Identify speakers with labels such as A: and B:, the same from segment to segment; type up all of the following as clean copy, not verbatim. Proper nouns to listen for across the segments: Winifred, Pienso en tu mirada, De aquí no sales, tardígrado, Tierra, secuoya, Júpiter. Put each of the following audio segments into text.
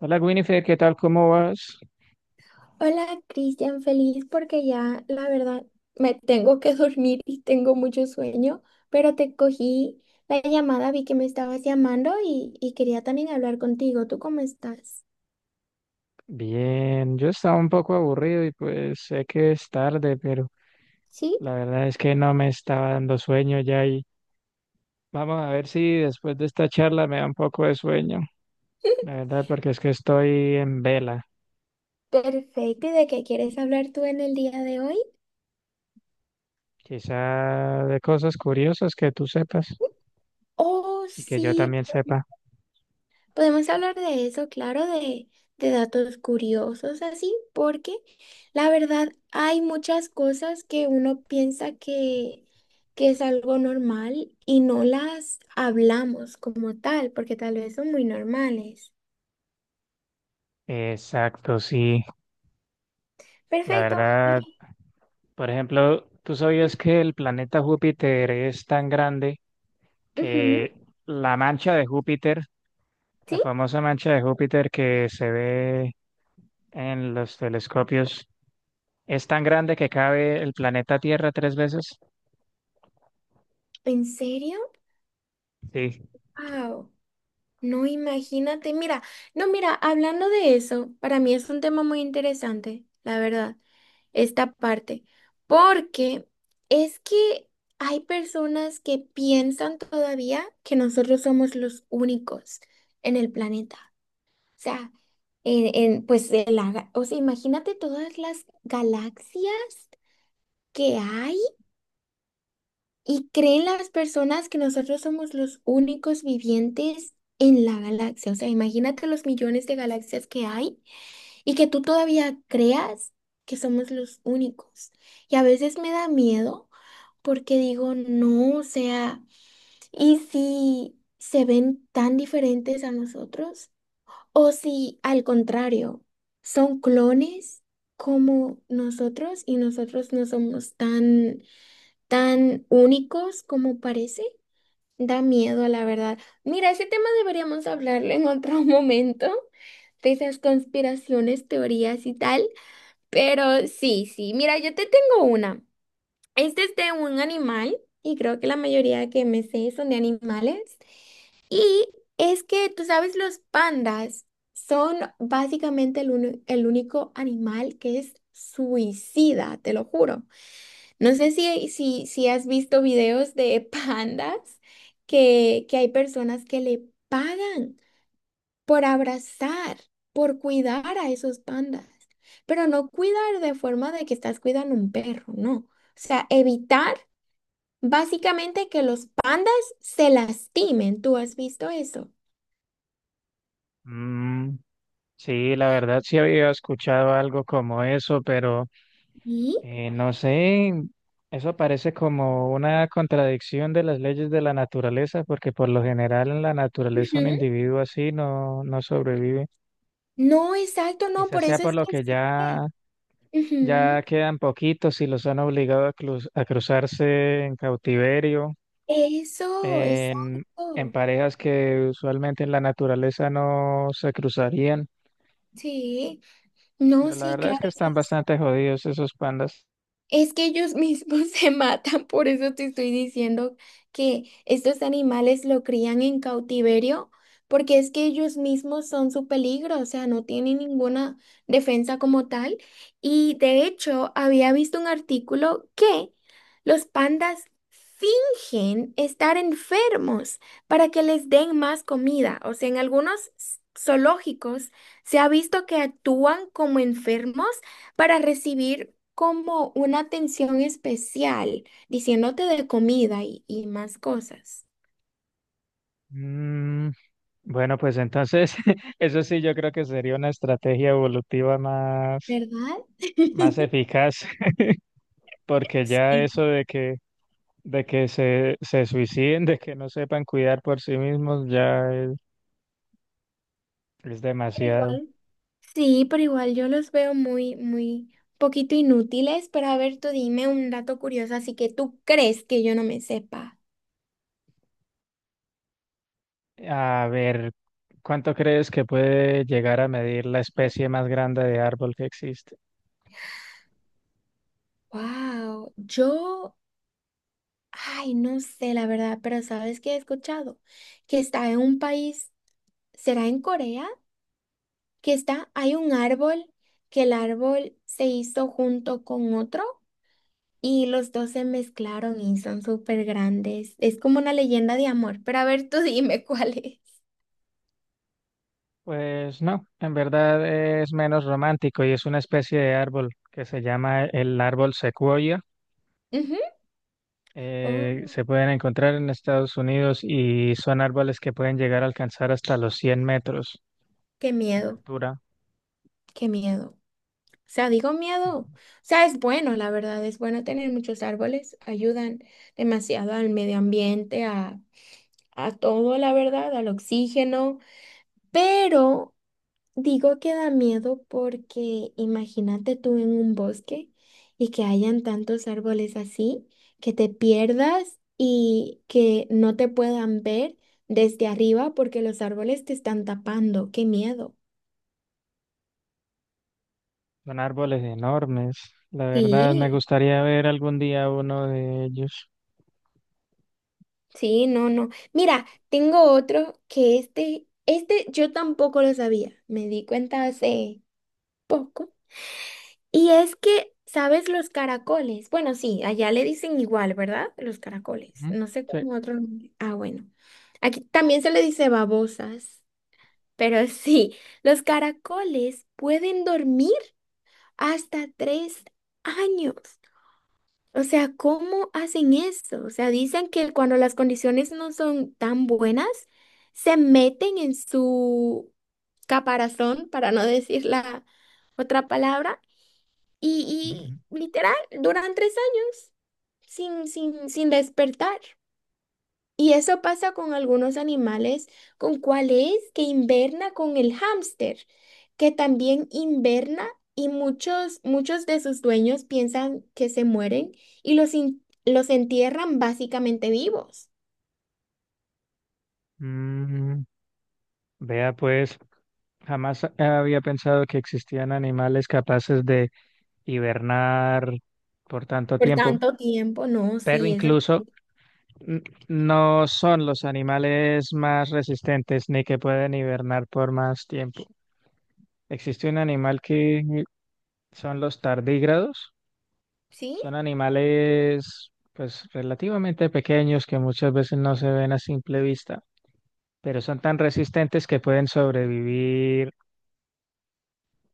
A: Hola Winifred, ¿qué tal? ¿Cómo vas?
B: Hola Cristian, feliz porque ya la verdad me tengo que dormir y tengo mucho sueño, pero te cogí la llamada, vi que me estabas llamando y quería también hablar contigo. ¿Tú cómo estás?
A: Bien, yo estaba un poco aburrido y pues sé que es tarde, pero
B: Sí,
A: la verdad es que no me estaba dando sueño ya y vamos a ver si después de esta charla me da un poco de sueño, la verdad, porque es que estoy en vela.
B: perfecto. ¿Y de qué quieres hablar tú en el día de hoy?
A: Quizá de cosas curiosas que tú sepas
B: Oh,
A: y que yo
B: sí.
A: también sepa.
B: Podemos hablar de eso, claro, de datos curiosos así, porque la verdad hay muchas cosas que uno piensa que es algo normal y no las hablamos como tal, porque tal vez son muy normales.
A: Exacto, sí, la
B: Perfecto.
A: verdad, por ejemplo, ¿tú sabías que el planeta Júpiter es tan grande
B: Ujú.
A: que la mancha de Júpiter, la
B: ¿Sí?
A: famosa mancha de Júpiter que se ve en los telescopios, es tan grande que cabe el planeta Tierra tres veces?
B: ¿En serio?
A: Sí.
B: Wow. No, imagínate, mira, no, mira, hablando de eso, para mí es un tema muy interesante, la verdad, esta parte, porque es que hay personas que piensan todavía que nosotros somos los únicos en el planeta. O sea, pues, o sea, imagínate todas las galaxias que hay. ¿Y creen las personas que nosotros somos los únicos vivientes en la galaxia? O sea, imagínate los millones de galaxias que hay y que tú todavía creas que somos los únicos. Y a veces me da miedo porque digo, no, o sea, ¿y si se ven tan diferentes a nosotros? ¿O si al contrario, son clones como nosotros y nosotros no somos tan, tan únicos como parece? Da miedo, la verdad. Mira, ese tema deberíamos hablarlo en otro momento, de esas conspiraciones, teorías y tal. Pero sí, sí, mira, yo te tengo una. Este es de un animal y creo que la mayoría que me sé son de animales. Y es que, tú sabes, los pandas son básicamente el único animal que es suicida, te lo juro. No sé si has visto videos de pandas que hay personas que le pagan por abrazar, por cuidar a esos pandas, pero no cuidar de forma de que estás cuidando un perro, no. O sea, evitar básicamente que los pandas se lastimen. ¿Tú has visto eso?
A: Mm, sí, la verdad sí había escuchado algo como eso, pero
B: ¿Y?
A: no sé, eso parece como una contradicción de las leyes de la naturaleza, porque por lo general en la naturaleza un
B: Ujú.
A: individuo así no, no sobrevive.
B: No, exacto, no,
A: Quizás
B: por
A: sea
B: eso
A: por
B: es
A: lo
B: que
A: que
B: existe.
A: ya ya
B: Ujú.
A: quedan poquitos y los han obligado a, a cruzarse en cautiverio,
B: Eso,
A: en, en
B: exacto.
A: parejas que usualmente en la naturaleza no se cruzarían.
B: Sí, no,
A: Pero la
B: sí,
A: verdad es
B: claro,
A: que
B: sí,
A: están
B: sí.
A: bastante jodidos esos pandas.
B: Es que ellos mismos se matan, por eso te estoy diciendo que estos animales lo crían en cautiverio, porque es que ellos mismos son su peligro, o sea, no tienen ninguna defensa como tal. Y de hecho, había visto un artículo que los pandas fingen estar enfermos para que les den más comida. O sea, en algunos zoológicos se ha visto que actúan como enfermos para recibir como una atención especial, diciéndote de comida y más cosas,
A: Mm, bueno, pues entonces, eso sí, yo creo que sería una estrategia evolutiva más,
B: ¿verdad?
A: más eficaz, porque ya eso
B: Sí.
A: de que se suiciden, de que no sepan cuidar por sí mismos, ya es
B: Pero
A: demasiado.
B: igual. Sí, pero igual yo los veo muy, muy poquito inútiles, pero a ver, tú dime un dato curioso, así que tú crees que yo no me sepa.
A: A ver, ¿cuánto crees que puede llegar a medir la especie más grande de árbol que existe?
B: Wow, yo, ay, no sé la verdad, pero ¿sabes qué he escuchado? Que está en un país, ¿será en Corea? Que está, hay un árbol, que el árbol se hizo junto con otro. Y los dos se mezclaron y son súper grandes. Es como una leyenda de amor. Pero a ver, tú dime cuál es.
A: Pues no, en verdad es menos romántico y es una especie de árbol que se llama el árbol secuoya.
B: Ujú. Oh,
A: Se pueden encontrar en Estados Unidos y son árboles que pueden llegar a alcanzar hasta los 100 metros
B: qué
A: de
B: miedo,
A: altura.
B: qué miedo. O sea, digo miedo. O sea, es bueno, la verdad, es bueno tener muchos árboles. Ayudan demasiado al medio ambiente, a todo, la verdad, al oxígeno. Pero digo que da miedo porque imagínate tú en un bosque y que hayan tantos árboles así, que te pierdas y que no te puedan ver desde arriba porque los árboles te están tapando. ¡Qué miedo!
A: Son árboles enormes. La verdad me
B: Sí,
A: gustaría ver algún día uno de ellos.
B: sí, no, no. Mira, tengo otro que este yo tampoco lo sabía. Me di cuenta hace poco. Y es que, ¿sabes los caracoles? Bueno, sí, allá le dicen igual, ¿verdad? Los caracoles.
A: Ujú.
B: No sé
A: Sí.
B: cómo otro nombre. Ah, bueno. Aquí también se le dice babosas, pero sí, los caracoles pueden dormir hasta tres años. O sea, ¿cómo hacen eso? O sea, dicen que cuando las condiciones no son tan buenas, se meten en su caparazón, para no decir la otra palabra
A: Ujú.
B: y literal, duran tres años sin despertar. Y eso pasa con algunos animales, con cuál es que inverna con el hámster, que también inverna y muchos, muchos de sus dueños piensan que se mueren y los entierran básicamente vivos.
A: Mm, vea pues, jamás había pensado que existían animales capaces de hibernar por tanto
B: Por
A: tiempo,
B: tanto tiempo, no,
A: pero
B: sí, eso
A: incluso no son los animales más resistentes ni que pueden hibernar por más tiempo. Existe un animal que son los tardígrados,
B: sí.
A: son animales pues relativamente pequeños que muchas veces no se ven a simple vista, pero son tan resistentes que pueden sobrevivir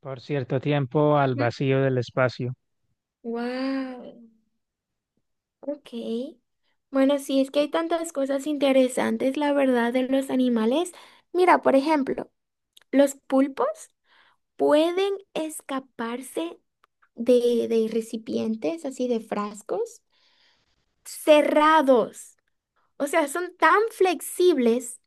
A: por cierto tiempo al vacío del espacio.
B: Wow. Ok. Bueno, sí, es que hay tantas cosas interesantes, la verdad, de los animales. Mira, por ejemplo, los pulpos pueden escaparse de recipientes, así de frascos cerrados. O sea, son tan flexibles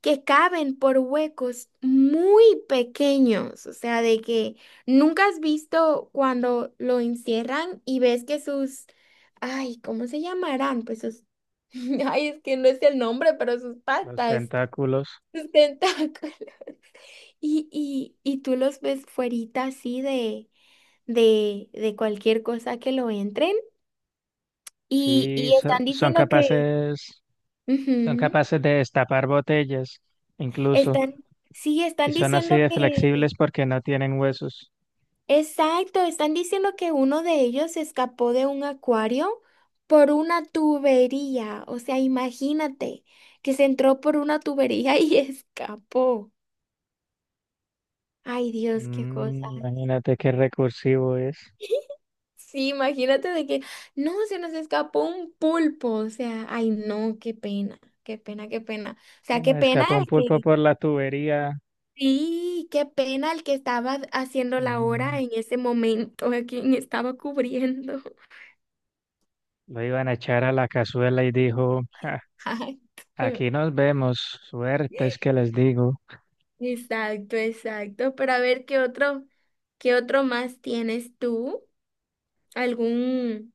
B: que caben por huecos muy pequeños. O sea, de que nunca has visto cuando lo encierran y ves que sus, ay, ¿cómo se llamarán? Pues sus, ay, es que no es el nombre, pero sus
A: Los
B: patas,
A: tentáculos,
B: sus tentáculos. Y tú los ves fuerita así de cualquier cosa que lo entren
A: sí,
B: y están diciendo que...
A: son
B: Ujú.
A: capaces de destapar botellas, incluso,
B: Están, sí,
A: y
B: están
A: son así
B: diciendo
A: de flexibles porque no tienen huesos.
B: exacto, están diciendo que uno de ellos se escapó de un acuario por una tubería. O sea, imagínate que se entró por una tubería y escapó. Ay, Dios, qué cosa.
A: Mm, imagínate qué recursivo es.
B: Sí, imagínate de que, no, se nos escapó un pulpo. O sea, ay, no, qué pena, qué pena, qué pena. O sea,
A: Bueno,
B: qué pena
A: escapó un
B: el
A: pulpo
B: que.
A: por la tubería.
B: Sí, qué pena el que estaba haciendo la
A: Mm.
B: hora en ese momento, a quien estaba cubriendo.
A: Lo iban a echar a la cazuela y dijo: "Ja,
B: Exacto.
A: aquí nos vemos, suerte es que les digo".
B: Exacto, exacto. Pero a ver qué otro más tienes tú, algún,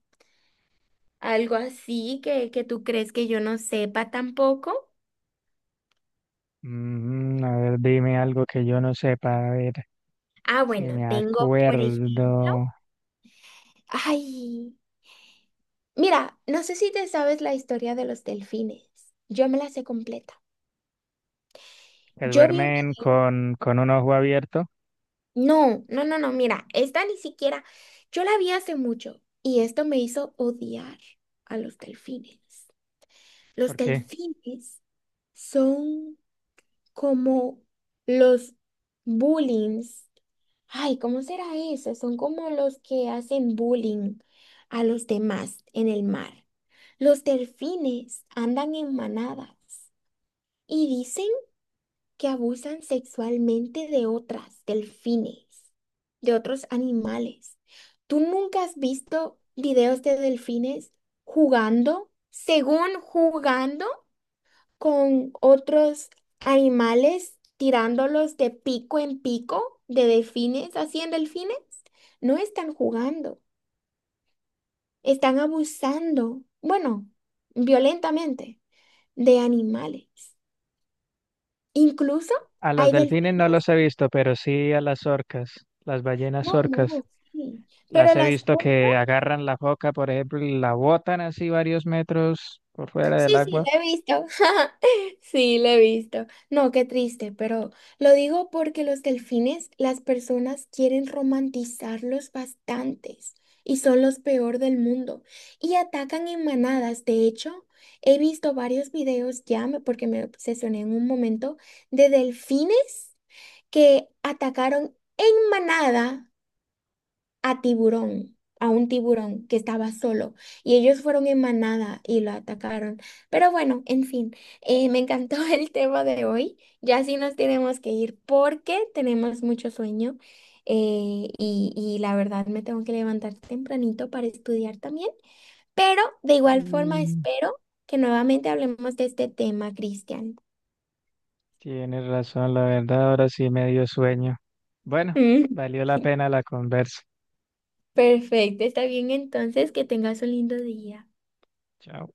B: algo así que tú crees que yo no sepa tampoco.
A: Mm, a ver, dime algo que yo no sepa, a ver
B: Ah,
A: si
B: bueno,
A: me
B: tengo, por ejemplo,
A: acuerdo.
B: ay, mira, no sé si te sabes la historia de los delfines. Yo me la sé completa.
A: Que
B: Yo vi un
A: duermen
B: video.
A: con un ojo abierto,
B: No, no, no, no, mira, esta ni siquiera, yo la vi hace mucho y esto me hizo odiar a los delfines. Los
A: porque
B: delfines son como los bullings. Ay, ¿cómo será eso? Son como los que hacen bullying a los demás en el mar. Los delfines andan en manadas y dicen que abusan sexualmente de otras, delfines, de otros animales. ¿Tú nunca has visto videos de delfines jugando, según jugando con otros animales, tirándolos de pico en pico, de delfines, así en delfines? No están jugando, están abusando, bueno, violentamente, de animales. Incluso
A: a los
B: hay
A: delfines no
B: delfines.
A: los he visto, pero sí a las orcas, las ballenas
B: No,
A: orcas.
B: no, sí. Pero
A: Las he
B: las...
A: visto que agarran la foca, por ejemplo, y la botan así varios metros por fuera
B: Sí,
A: del
B: sí,
A: agua.
B: la he visto. Sí, la he visto. No, qué triste, pero lo digo porque los delfines, las personas quieren romantizarlos bastantes y son los peor del mundo y atacan en manadas. De hecho, he visto varios videos ya, porque me obsesioné en un momento, de delfines que atacaron en manada a tiburón, a un tiburón que estaba solo y ellos fueron en manada y lo atacaron. Pero bueno, en fin, me encantó el tema de hoy. Ya sí nos tenemos que ir porque tenemos mucho sueño, y la verdad me tengo que levantar tempranito para estudiar también. Pero de igual forma
A: Mm,
B: espero que nuevamente hablemos de este tema, Cristian.
A: tienes razón, la verdad, ahora sí me dio sueño. Bueno,
B: Mm.
A: valió la pena la conversa.
B: Perfecto, está bien entonces, que tengas un lindo día.
A: Chao.